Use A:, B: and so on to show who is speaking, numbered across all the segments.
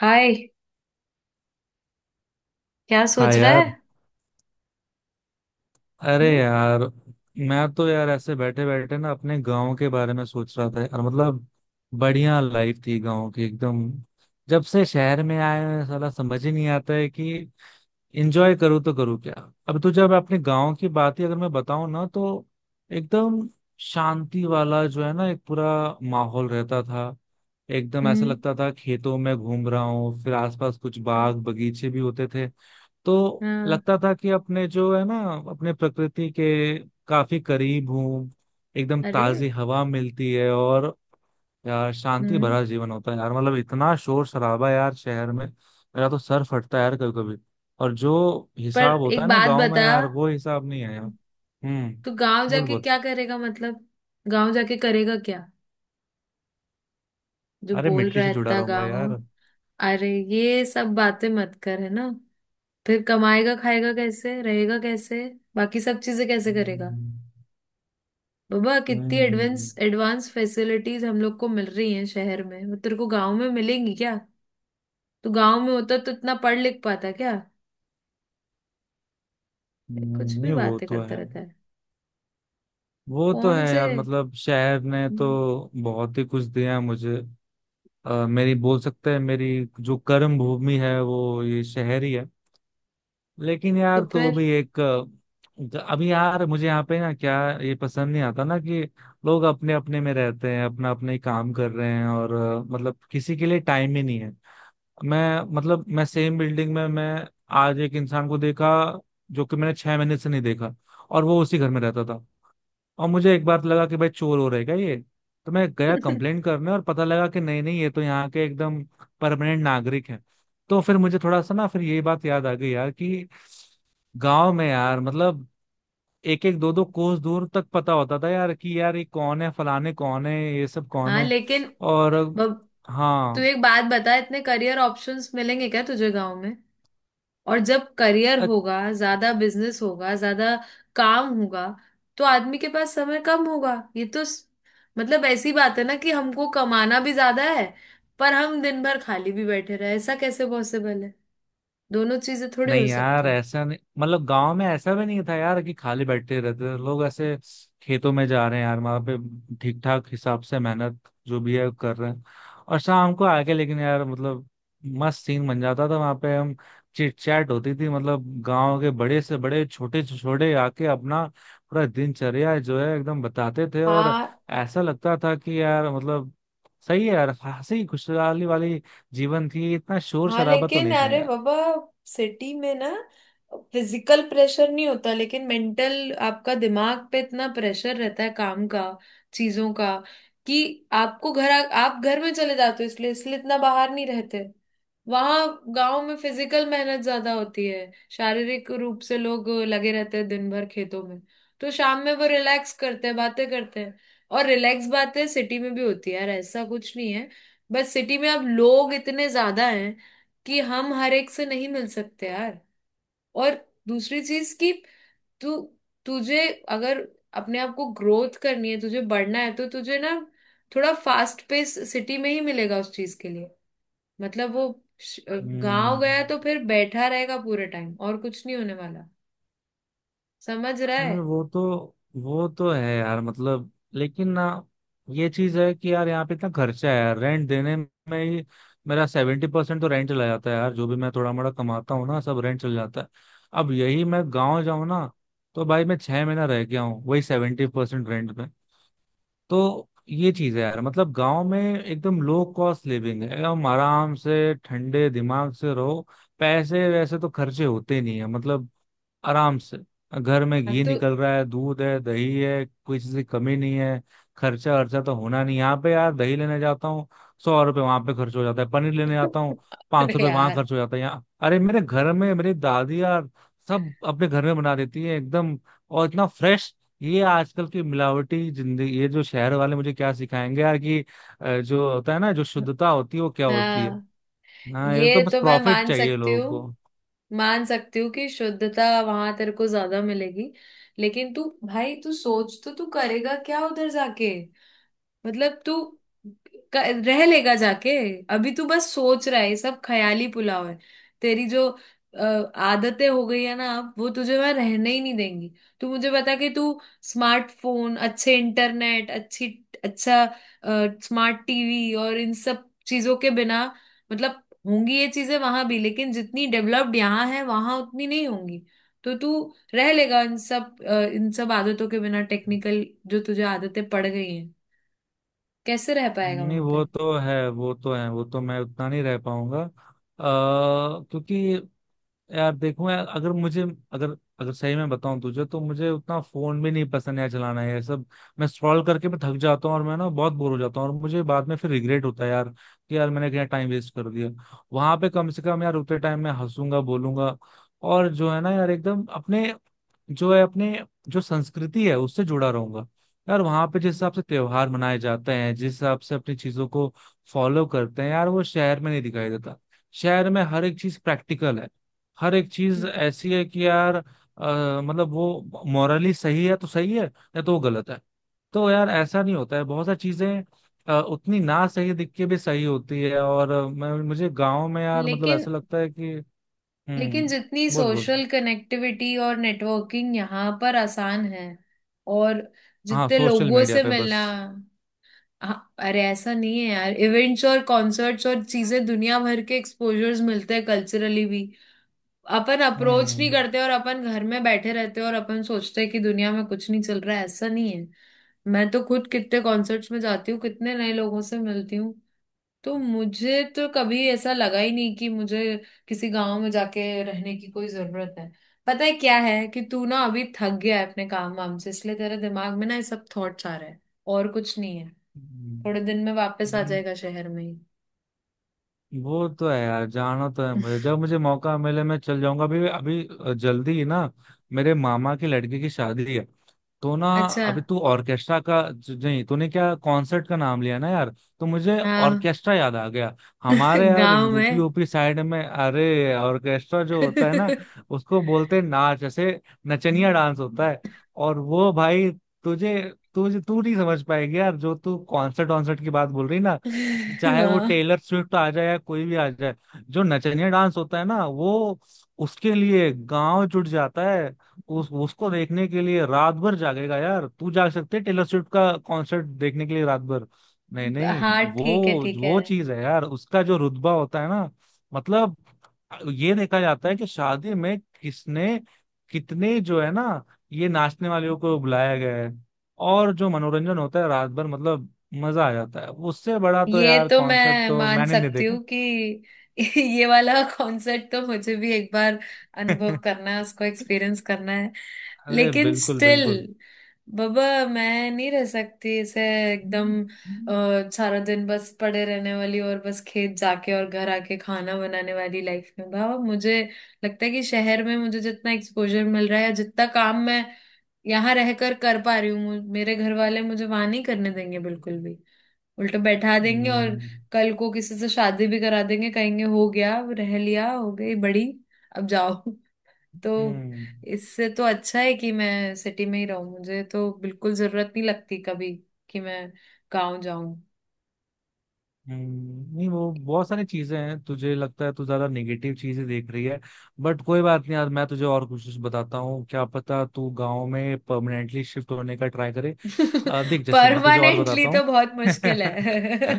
A: हाय। क्या
B: हाँ
A: सोच रहा है?
B: यार। अरे
A: हम्म।
B: यार। मैं तो यार ऐसे बैठे बैठे ना अपने गांव के बारे में सोच रहा था और मतलब बढ़िया लाइफ थी गांव की एकदम। जब से शहर में आए हैं, साला समझ ही नहीं आता है कि एंजॉय करूँ तो करूँ क्या। अब तो जब अपने गांव की बात ही अगर मैं बताऊं ना तो एकदम शांति वाला जो है ना एक पूरा माहौल रहता था। एकदम ऐसा
A: हम्म।
B: लगता था खेतों में घूम रहा हूँ, फिर आसपास कुछ बाग बगीचे भी होते थे। तो
A: हाँ।
B: लगता था कि अपने जो है ना, अपने प्रकृति के काफी करीब हूँ। एकदम
A: अरे।
B: ताजी हवा मिलती है और यार शांति
A: हम्म।
B: भरा जीवन होता है यार। मतलब इतना शोर शराबा यार, शहर में मेरा तो सर फटता है यार कभी कभी। और जो
A: पर
B: हिसाब होता
A: एक
B: है ना
A: बात
B: गांव में
A: बता।
B: यार, वो हिसाब नहीं है यार। हम्म।
A: तू गांव
B: बोल
A: जाके
B: बोल।
A: क्या करेगा, मतलब? गांव जाके करेगा क्या? जो
B: अरे
A: बोल
B: मिट्टी
A: रहा है
B: से जुड़ा
A: इतना
B: रहूंगा
A: गांव गांव।
B: यार।
A: अरे ये सब बातें मत कर, है ना। फिर कमाएगा खाएगा कैसे, रहेगा कैसे, बाकी सब चीजें कैसे करेगा?
B: हम्म
A: बाबा, कितनी एडवांस
B: हम्म,
A: एडवांस फैसिलिटीज हम लोग को मिल रही हैं शहर में, वो तेरे को गांव में मिलेंगी क्या? तू गांव में होता तो इतना पढ़ लिख पाता क्या? कुछ भी
B: नहीं वो
A: बातें
B: तो
A: करता
B: है।
A: रहता है।
B: वो तो है
A: कौन से?
B: यार, मतलब शहर ने तो
A: हम्म,
B: बहुत ही कुछ दिया है मुझे। मेरी बोल सकते हैं मेरी जो कर्म भूमि है वो ये शहर ही है। लेकिन
A: तो
B: यार तो
A: फिर?
B: भी एक अभी यार मुझे यहाँ पे ना क्या ये पसंद नहीं आता ना कि लोग अपने अपने में रहते हैं, अपना अपने ही काम कर रहे हैं और मतलब किसी के लिए टाइम ही नहीं है। मैं मतलब मैं सेम बिल्डिंग में मैं आज एक इंसान को देखा जो कि मैंने 6 महीने से नहीं देखा, और वो उसी घर में रहता था। और मुझे एक बार लगा कि भाई चोर हो रहेगा ये, तो मैं गया कंप्लेंट करने और पता लगा कि नहीं नहीं, ये तो यहाँ के एकदम परमानेंट नागरिक है। तो फिर मुझे थोड़ा सा ना फिर ये बात याद आ गई यार कि गांव में यार मतलब एक एक दो दो कोस दूर तक पता होता था यार कि यार ये कौन है, फलाने कौन है, ये सब कौन
A: हाँ
B: है।
A: लेकिन
B: और
A: बब- तू
B: हाँ।
A: एक बात बता, इतने करियर ऑप्शंस मिलेंगे क्या तुझे गांव में? और जब करियर होगा ज्यादा, बिजनेस होगा ज्यादा, काम होगा, तो आदमी के पास समय कम होगा। ये तो मतलब ऐसी बात है ना, कि हमको कमाना भी ज्यादा है पर हम दिन भर खाली भी बैठे रहे, ऐसा कैसे पॉसिबल है? दोनों चीजें थोड़ी हो
B: नहीं यार
A: सकती है।
B: ऐसा नहीं, मतलब गांव में ऐसा भी नहीं था यार कि खाली बैठे रहते थे लोग ऐसे। खेतों में जा रहे हैं यार, वहां पे ठीक ठाक हिसाब से मेहनत जो भी है कर रहे हैं। और शाम को आके लेकिन यार मतलब मस्त सीन बन जाता था वहां पे। हम चिट चैट होती थी, मतलब गांव के बड़े से बड़े छोटे से छोटे आके अपना पूरा दिनचर्या जो है एकदम बताते थे। और
A: हाँ
B: ऐसा लगता था कि यार मतलब सही है यार, हंसी खुशहाली वाली जीवन थी, इतना शोर
A: हाँ,
B: शराबा तो
A: लेकिन
B: नहीं था
A: अरे
B: यार।
A: बाबा, सिटी में ना फिजिकल प्रेशर नहीं होता, लेकिन मेंटल, आपका दिमाग पे इतना प्रेशर रहता है काम का, चीजों का, कि आपको घर आप घर में चले जाते हो, इसलिए इसलिए इतना बाहर नहीं रहते वहां। गांव में फिजिकल मेहनत ज्यादा होती है, शारीरिक रूप से लोग लगे रहते हैं दिन भर खेतों में, तो शाम में वो रिलैक्स करते हैं, बातें करते हैं। और रिलैक्स बातें सिटी में भी होती है यार, ऐसा कुछ नहीं है। बस सिटी में अब लोग इतने ज्यादा हैं कि हम हर एक से नहीं मिल सकते यार। और दूसरी चीज कि तू तुझे अगर अपने आप को ग्रोथ करनी है, तुझे बढ़ना है, तो तुझे ना थोड़ा फास्ट पेस सिटी में ही मिलेगा उस चीज के लिए। मतलब वो श- गांव
B: हम्म।
A: गया तो फिर बैठा रहेगा पूरे टाइम, और कुछ नहीं होने वाला। समझ रहा है?
B: वो तो। वो तो है यार मतलब, लेकिन ना ये चीज है कि यार यहाँ पे इतना खर्चा है यार, रेंट देने में ही मेरा 70% तो रेंट चला जाता है यार। जो भी मैं थोड़ा मोड़ा कमाता हूँ ना सब रेंट चला जाता है। अब यही मैं गाँव जाऊँ ना, तो भाई मैं 6 महीना रह गया हूँ वही 70% रेंट पे। तो ये चीज है यार, मतलब गाँव में एकदम लो कॉस्ट लिविंग है, एकदम आराम से ठंडे दिमाग से रहो। पैसे वैसे तो खर्चे होते नहीं है, मतलब आराम से। घर में
A: हाँ
B: घी
A: तो
B: निकल रहा है, दूध है, दही है, कोई चीज की कमी नहीं है। खर्चा खर्चा तो होना नहीं। यहाँ पे यार दही लेने जाता हूँ, 100 रुपये वहां पे खर्च हो जाता है। पनीर लेने जाता हूँ, पाँच
A: अरे
B: सौ रुपये वहां
A: यार,
B: खर्च हो जाता है यहाँ। अरे मेरे घर में मेरी दादी यार सब अपने घर में बना देती है एकदम, और इतना फ्रेश। ये आजकल की मिलावटी जिंदगी, ये जो शहर वाले मुझे क्या सिखाएंगे यार कि जो होता है ना, जो शुद्धता होती है वो क्या होती है।
A: हाँ,
B: हाँ ये तो
A: ये
B: बस
A: तो मैं
B: प्रॉफिट
A: मान
B: चाहिए
A: सकती
B: लोगों
A: हूँ।
B: को।
A: मान सकती हूँ कि शुद्धता वहां तेरे को ज्यादा मिलेगी, लेकिन तू भाई, तू सोच तो, तू करेगा क्या उधर जाके? मतलब तू रह लेगा जाके? अभी तू बस सोच रहा है, ये सब ख्याली पुलाव है। तेरी जो अ, आदतें हो गई है ना, अब वो तुझे वहां रहने ही नहीं देंगी। तू मुझे बता कि तू स्मार्टफोन, अच्छे इंटरनेट, अच्छी अच्छा स्मार्ट टीवी और इन सब चीजों के बिना, मतलब होंगी ये चीजें वहां भी, लेकिन जितनी डेवलप्ड यहाँ है वहां उतनी नहीं होंगी। तो तू रह लेगा इन सब आदतों के बिना? टेक्निकल जो तुझे आदतें पड़ गई हैं, कैसे रह पाएगा
B: नहीं
A: वहां पे?
B: वो तो है वो तो है, वो तो मैं उतना नहीं रह पाऊंगा क्योंकि यार देखो यार, अगर मुझे अगर अगर सही में बताऊं तुझे तो मुझे उतना फोन भी नहीं पसंद है चलाना है। ये सब मैं स्क्रॉल करके मैं थक जाता हूँ और मैं ना बहुत बोर हो जाता हूँ और मुझे बाद में फिर रिग्रेट होता है यार कि यार मैंने क्या टाइम वेस्ट कर दिया। वहां पे कम से कम यार उतने टाइम मैं हंसूंगा बोलूंगा, और जो है ना यार एकदम अपने, जो है अपने, जो संस्कृति है उससे जुड़ा रहूंगा। यार वहां पे जिस हिसाब से त्योहार मनाए जाते हैं, जिस हिसाब से अपनी चीजों को फॉलो करते हैं यार, वो शहर में नहीं दिखाई देता। शहर में हर एक चीज प्रैक्टिकल है, हर एक चीज ऐसी है कि यार मतलब वो मॉरली सही है तो सही है, या तो वो गलत है। तो यार ऐसा नहीं होता है, बहुत सारी चीजें उतनी ना सही दिख के भी सही होती है। और मैं मुझे गांव में यार मतलब
A: लेकिन
B: ऐसा लगता है कि।
A: लेकिन
B: हम्म।
A: जितनी
B: बोल बोल।
A: सोशल कनेक्टिविटी और नेटवर्किंग यहाँ पर आसान है, और
B: हाँ
A: जितने
B: सोशल
A: लोगों
B: मीडिया
A: से
B: पे बस।
A: मिलना, हाँ, अरे ऐसा नहीं है यार, इवेंट्स और कॉन्सर्ट्स और चीजें, दुनिया भर के एक्सपोजर्स मिलते हैं, कल्चरली भी। अपन अप्रोच नहीं
B: हम्म।
A: करते और अपन घर में बैठे रहते हैं, और अपन सोचते हैं कि दुनिया में कुछ नहीं चल रहा है, ऐसा नहीं है। मैं तो खुद कितने कॉन्सर्ट्स में जाती हूँ, कितने नए लोगों से मिलती हूँ। तो मुझे तो कभी ऐसा लगा ही नहीं कि मुझे किसी गांव में जाके रहने की कोई जरूरत है। पता है क्या है, कि तू ना अभी थक गया है अपने काम वाम से, इसलिए तेरे दिमाग में ना ये सब थॉट्स आ रहे हैं, और कुछ नहीं है।
B: हम्म,
A: थोड़े दिन में वापस आ जाएगा शहर में ही।
B: वो तो है यार, जाना तो है मुझे, जब मुझे मौका मिले मैं चल जाऊंगा अभी अभी जल्दी ही ना। मेरे मामा की लड़की की शादी है तो ना,
A: अच्छा।
B: अभी तू ऑर्केस्ट्रा का नहीं, तूने क्या कॉन्सर्ट का नाम लिया ना यार, तो मुझे
A: हाँ,
B: ऑर्केस्ट्रा याद आ गया। हमारे यार
A: गांव में।
B: यूपी यूपी साइड में अरे ऑर्केस्ट्रा जो होता है ना, उसको बोलते हैं नाच ऐसे, नचनिया डांस होता है। और वो भाई तुझे तुझे तू नहीं समझ पाएगी यार, जो तू कॉन्सर्ट वॉन्सर्ट की बात बोल रही ना, चाहे वो
A: हाँ
B: टेलर स्विफ्ट आ जाए या कोई भी आ जाए, जो नचनिया डांस होता है ना वो, उसके लिए गांव जुट जाता है। उस उसको देखने के लिए रात भर जागेगा यार, तू जाग सकते है टेलर स्विफ्ट का कॉन्सर्ट देखने के लिए रात भर? नहीं नहीं।
A: हाँ, ठीक है,
B: वो
A: ठीक है।
B: वो चीज है यार, उसका जो रुतबा होता है ना, मतलब ये देखा जाता है कि शादी में किसने कितने जो है ना ये नाचने वालों को बुलाया गया है, और जो मनोरंजन होता है रात भर, मतलब मजा आ जाता है। उससे बड़ा तो
A: ये
B: यार
A: तो
B: कॉन्सर्ट
A: मैं
B: तो
A: मान
B: मैंने नहीं
A: सकती
B: देखा।
A: हूँ कि ये वाला कॉन्सर्ट तो मुझे भी एक बार अनुभव करना है, उसको एक्सपीरियंस करना है।
B: अरे
A: लेकिन
B: बिल्कुल
A: स्टिल,
B: बिल्कुल।
A: बाबा, मैं नहीं रह सकती ऐसे
B: हम्म
A: एकदम सारा दिन बस पड़े रहने वाली और बस खेत जाके और घर आके खाना बनाने वाली लाइफ में। बाबा, मुझे लगता है कि शहर में मुझे जितना एक्सपोजर मिल रहा है, या जितना काम मैं यहाँ रहकर कर पा रही हूँ, मेरे घर वाले मुझे वहां नहीं करने देंगे बिल्कुल भी। उल्टा बैठा देंगे, और कल को किसी से शादी भी करा देंगे, कहेंगे हो गया, अब रह लिया, हो गई बड़ी, अब जाओ। तो
B: हम्म
A: इससे तो अच्छा है कि मैं सिटी में ही रहूं। मुझे तो बिल्कुल जरूरत नहीं लगती कभी कि मैं गांव जाऊं।
B: नहीं वो बहुत सारी चीजें हैं, तुझे लगता है तू ज्यादा नेगेटिव चीजें देख रही है, बट कोई बात नहीं यार, मैं तुझे और कुछ कुछ बताता हूँ, क्या पता तू गांव में परमानेंटली शिफ्ट होने का ट्राई करे। देख जैसे मैं तुझे और
A: परमानेंटली
B: बताता
A: तो
B: हूँ।
A: बहुत मुश्किल है।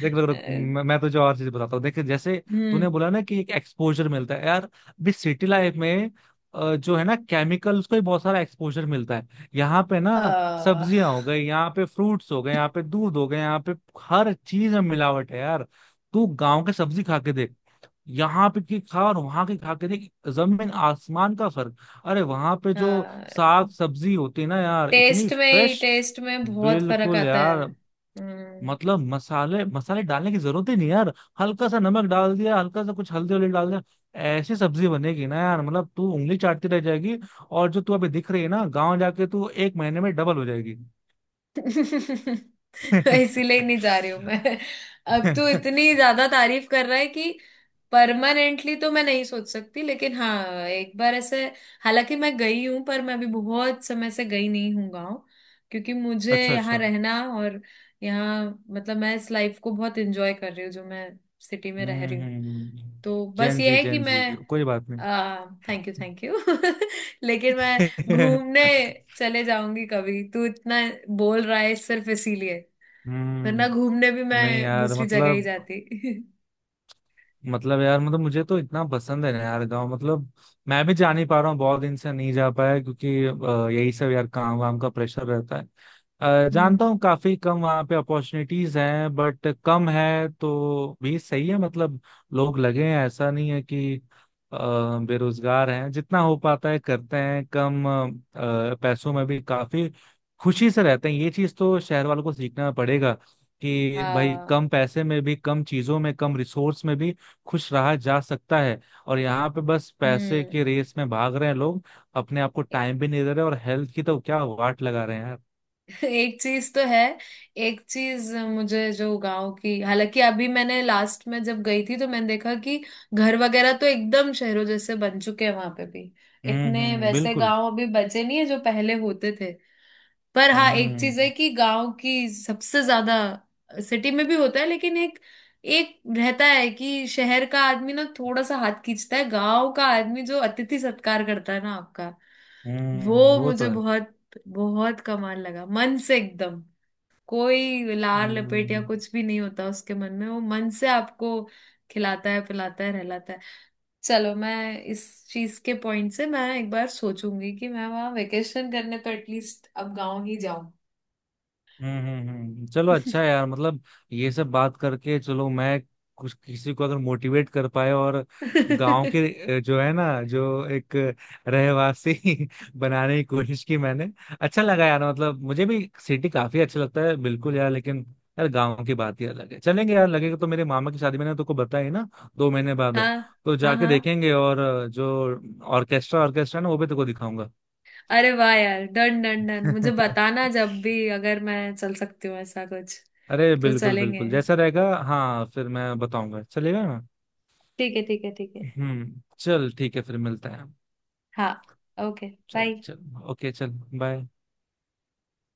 B: देख रुक रुक, मैं तुझे और चीज बताता हूँ। देख जैसे
A: हम्म।
B: तूने बोला ना कि एक एक्सपोजर मिलता है यार अभी सिटी लाइफ में। जो है ना, केमिकल्स को ही बहुत सारा एक्सपोजर मिलता है यहाँ पे ना।
A: आ,
B: सब्जियां हो गई यहाँ पे, फ्रूट्स हो गए यहाँ पे, दूध हो गए यहाँ पे, हर चीज में मिलावट है यार। तू गांव के सब्जी खा के देख, यहाँ पे की खा और वहां की खा के देख, जमीन आसमान का फर्क। अरे वहां पे जो साग सब्जी होती है ना यार, इतनी फ्रेश।
A: टेस्ट में बहुत फर्क
B: बिल्कुल
A: आता है।
B: यार।
A: हम्म।
B: मतलब मसाले मसाले डालने की जरूरत ही नहीं यार, हल्का सा नमक डाल दिया, हल्का सा कुछ हल्दी वल्दी डाल दिया, ऐसी सब्जी बनेगी ना यार, मतलब तू उंगली चाटती रह जाएगी। और जो तू अभी दिख रही है ना, गांव जाके तू एक महीने में डबल हो जाएगी।
A: इसीलिए नहीं जा रही हूं मैं। अब तू इतनी ज्यादा तारीफ कर रहा है कि परमानेंटली तो मैं नहीं सोच सकती, लेकिन हाँ, एक बार ऐसे, हालांकि मैं गई हूँ, पर मैं अभी बहुत समय से गई नहीं हूँ गाँव। क्योंकि मुझे
B: अच्छा
A: यहाँ
B: अच्छा।
A: रहना और यहाँ, मतलब मैं इस लाइफ को बहुत एंजॉय कर रही हूँ जो मैं सिटी में रह रही।
B: हम्म।
A: तो बस ये
B: जेनजी
A: है कि
B: जेनजी,
A: मैं,
B: कोई बात नहीं।
A: थैंक यू, थैंक यू, लेकिन मैं घूमने चले जाऊंगी कभी। तू इतना बोल रहा है सिर्फ इसीलिए, वरना
B: हम्म।
A: घूमने भी
B: नहीं
A: मैं
B: यार
A: दूसरी जगह ही
B: मतलब,
A: जाती।
B: मतलब यार मतलब मुझे तो इतना पसंद है ना यार गांव, मतलब मैं भी जा नहीं पा रहा हूँ, बहुत दिन से नहीं जा पाया क्योंकि यही सब यार काम वाम का प्रेशर रहता है।
A: हम्म।
B: जानता हूँ काफी कम वहाँ पे अपॉर्चुनिटीज हैं, बट कम है तो भी सही है मतलब। लोग लगे हैं, ऐसा नहीं है कि अ, बेरोजगार हैं, जितना हो पाता है करते हैं, कम पैसों में भी काफी खुशी से रहते हैं। ये चीज तो शहर वालों को सीखना पड़ेगा, कि भाई
A: हाँ।
B: कम पैसे में भी, कम चीजों में, कम रिसोर्स में भी खुश रहा जा सकता है। और यहाँ पे बस पैसे
A: हम्म।
B: की रेस में भाग रहे हैं लोग, अपने आप को
A: ए-
B: टाइम भी नहीं दे रहे, और हेल्थ की तो क्या वाट लगा रहे हैं यार।
A: एक चीज तो है। एक चीज मुझे जो गांव की, हालांकि अभी मैंने लास्ट में जब गई थी तो मैंने देखा कि घर वगैरह तो एकदम शहरों जैसे बन चुके हैं वहां पे भी, इतने
B: हम्म।
A: वैसे
B: बिल्कुल।
A: गांव अभी बचे नहीं है जो पहले होते थे। पर हाँ, एक चीज है
B: हम्म
A: कि गांव की सबसे ज्यादा, सिटी में भी होता है लेकिन एक एक रहता है कि शहर का आदमी ना थोड़ा सा हाथ खींचता है, गांव का आदमी जो अतिथि सत्कार करता है ना आपका,
B: हम्म।
A: वो
B: वो
A: मुझे
B: तो है।
A: बहुत बहुत कमाल लगा, मन से एकदम। कोई लार लपेट या
B: हम्म
A: कुछ भी नहीं होता उसके मन में, वो मन से आपको खिलाता है, पिलाता है, रहलाता है। चलो, मैं इस चीज के पॉइंट से मैं एक बार सोचूंगी कि मैं वहां वेकेशन करने तो एटलीस्ट अब गांव ही जाऊं।
B: चलो अच्छा है यार, मतलब ये सब बात करके चलो मैं कुछ किसी को अगर मोटिवेट कर पाए, और गांव के
A: हाँ
B: जो है ना, जो एक रहवासी बनाने की कोशिश की मैंने, अच्छा लगा यार मतलब। मुझे भी सिटी काफी अच्छा लगता है बिल्कुल यार, लेकिन यार गांव की बात ही अलग है। चलेंगे यार, लगेगा तो मेरे मामा की शादी मैंने तुमको बताई ना, 2 महीने बाद है, तो
A: हाँ
B: जाके
A: हाँ।
B: देखेंगे, और जो ऑर्केस्ट्रा ऑर्केस्ट्रा ना, वो भी तुमको दिखाऊंगा।
A: अरे वाह यार, डन डन डन, मुझे बताना जब भी, अगर मैं चल सकती हूँ ऐसा कुछ
B: अरे
A: तो
B: बिल्कुल
A: चलेंगे।
B: बिल्कुल, जैसा रहेगा हाँ फिर मैं बताऊंगा, चलेगा ना?
A: ठीक है, ठीक है, ठीक है।
B: चल ठीक है, फिर मिलते हैं हम।
A: हाँ, ओके,
B: चल
A: बाय।
B: चल, ओके चल, बाय।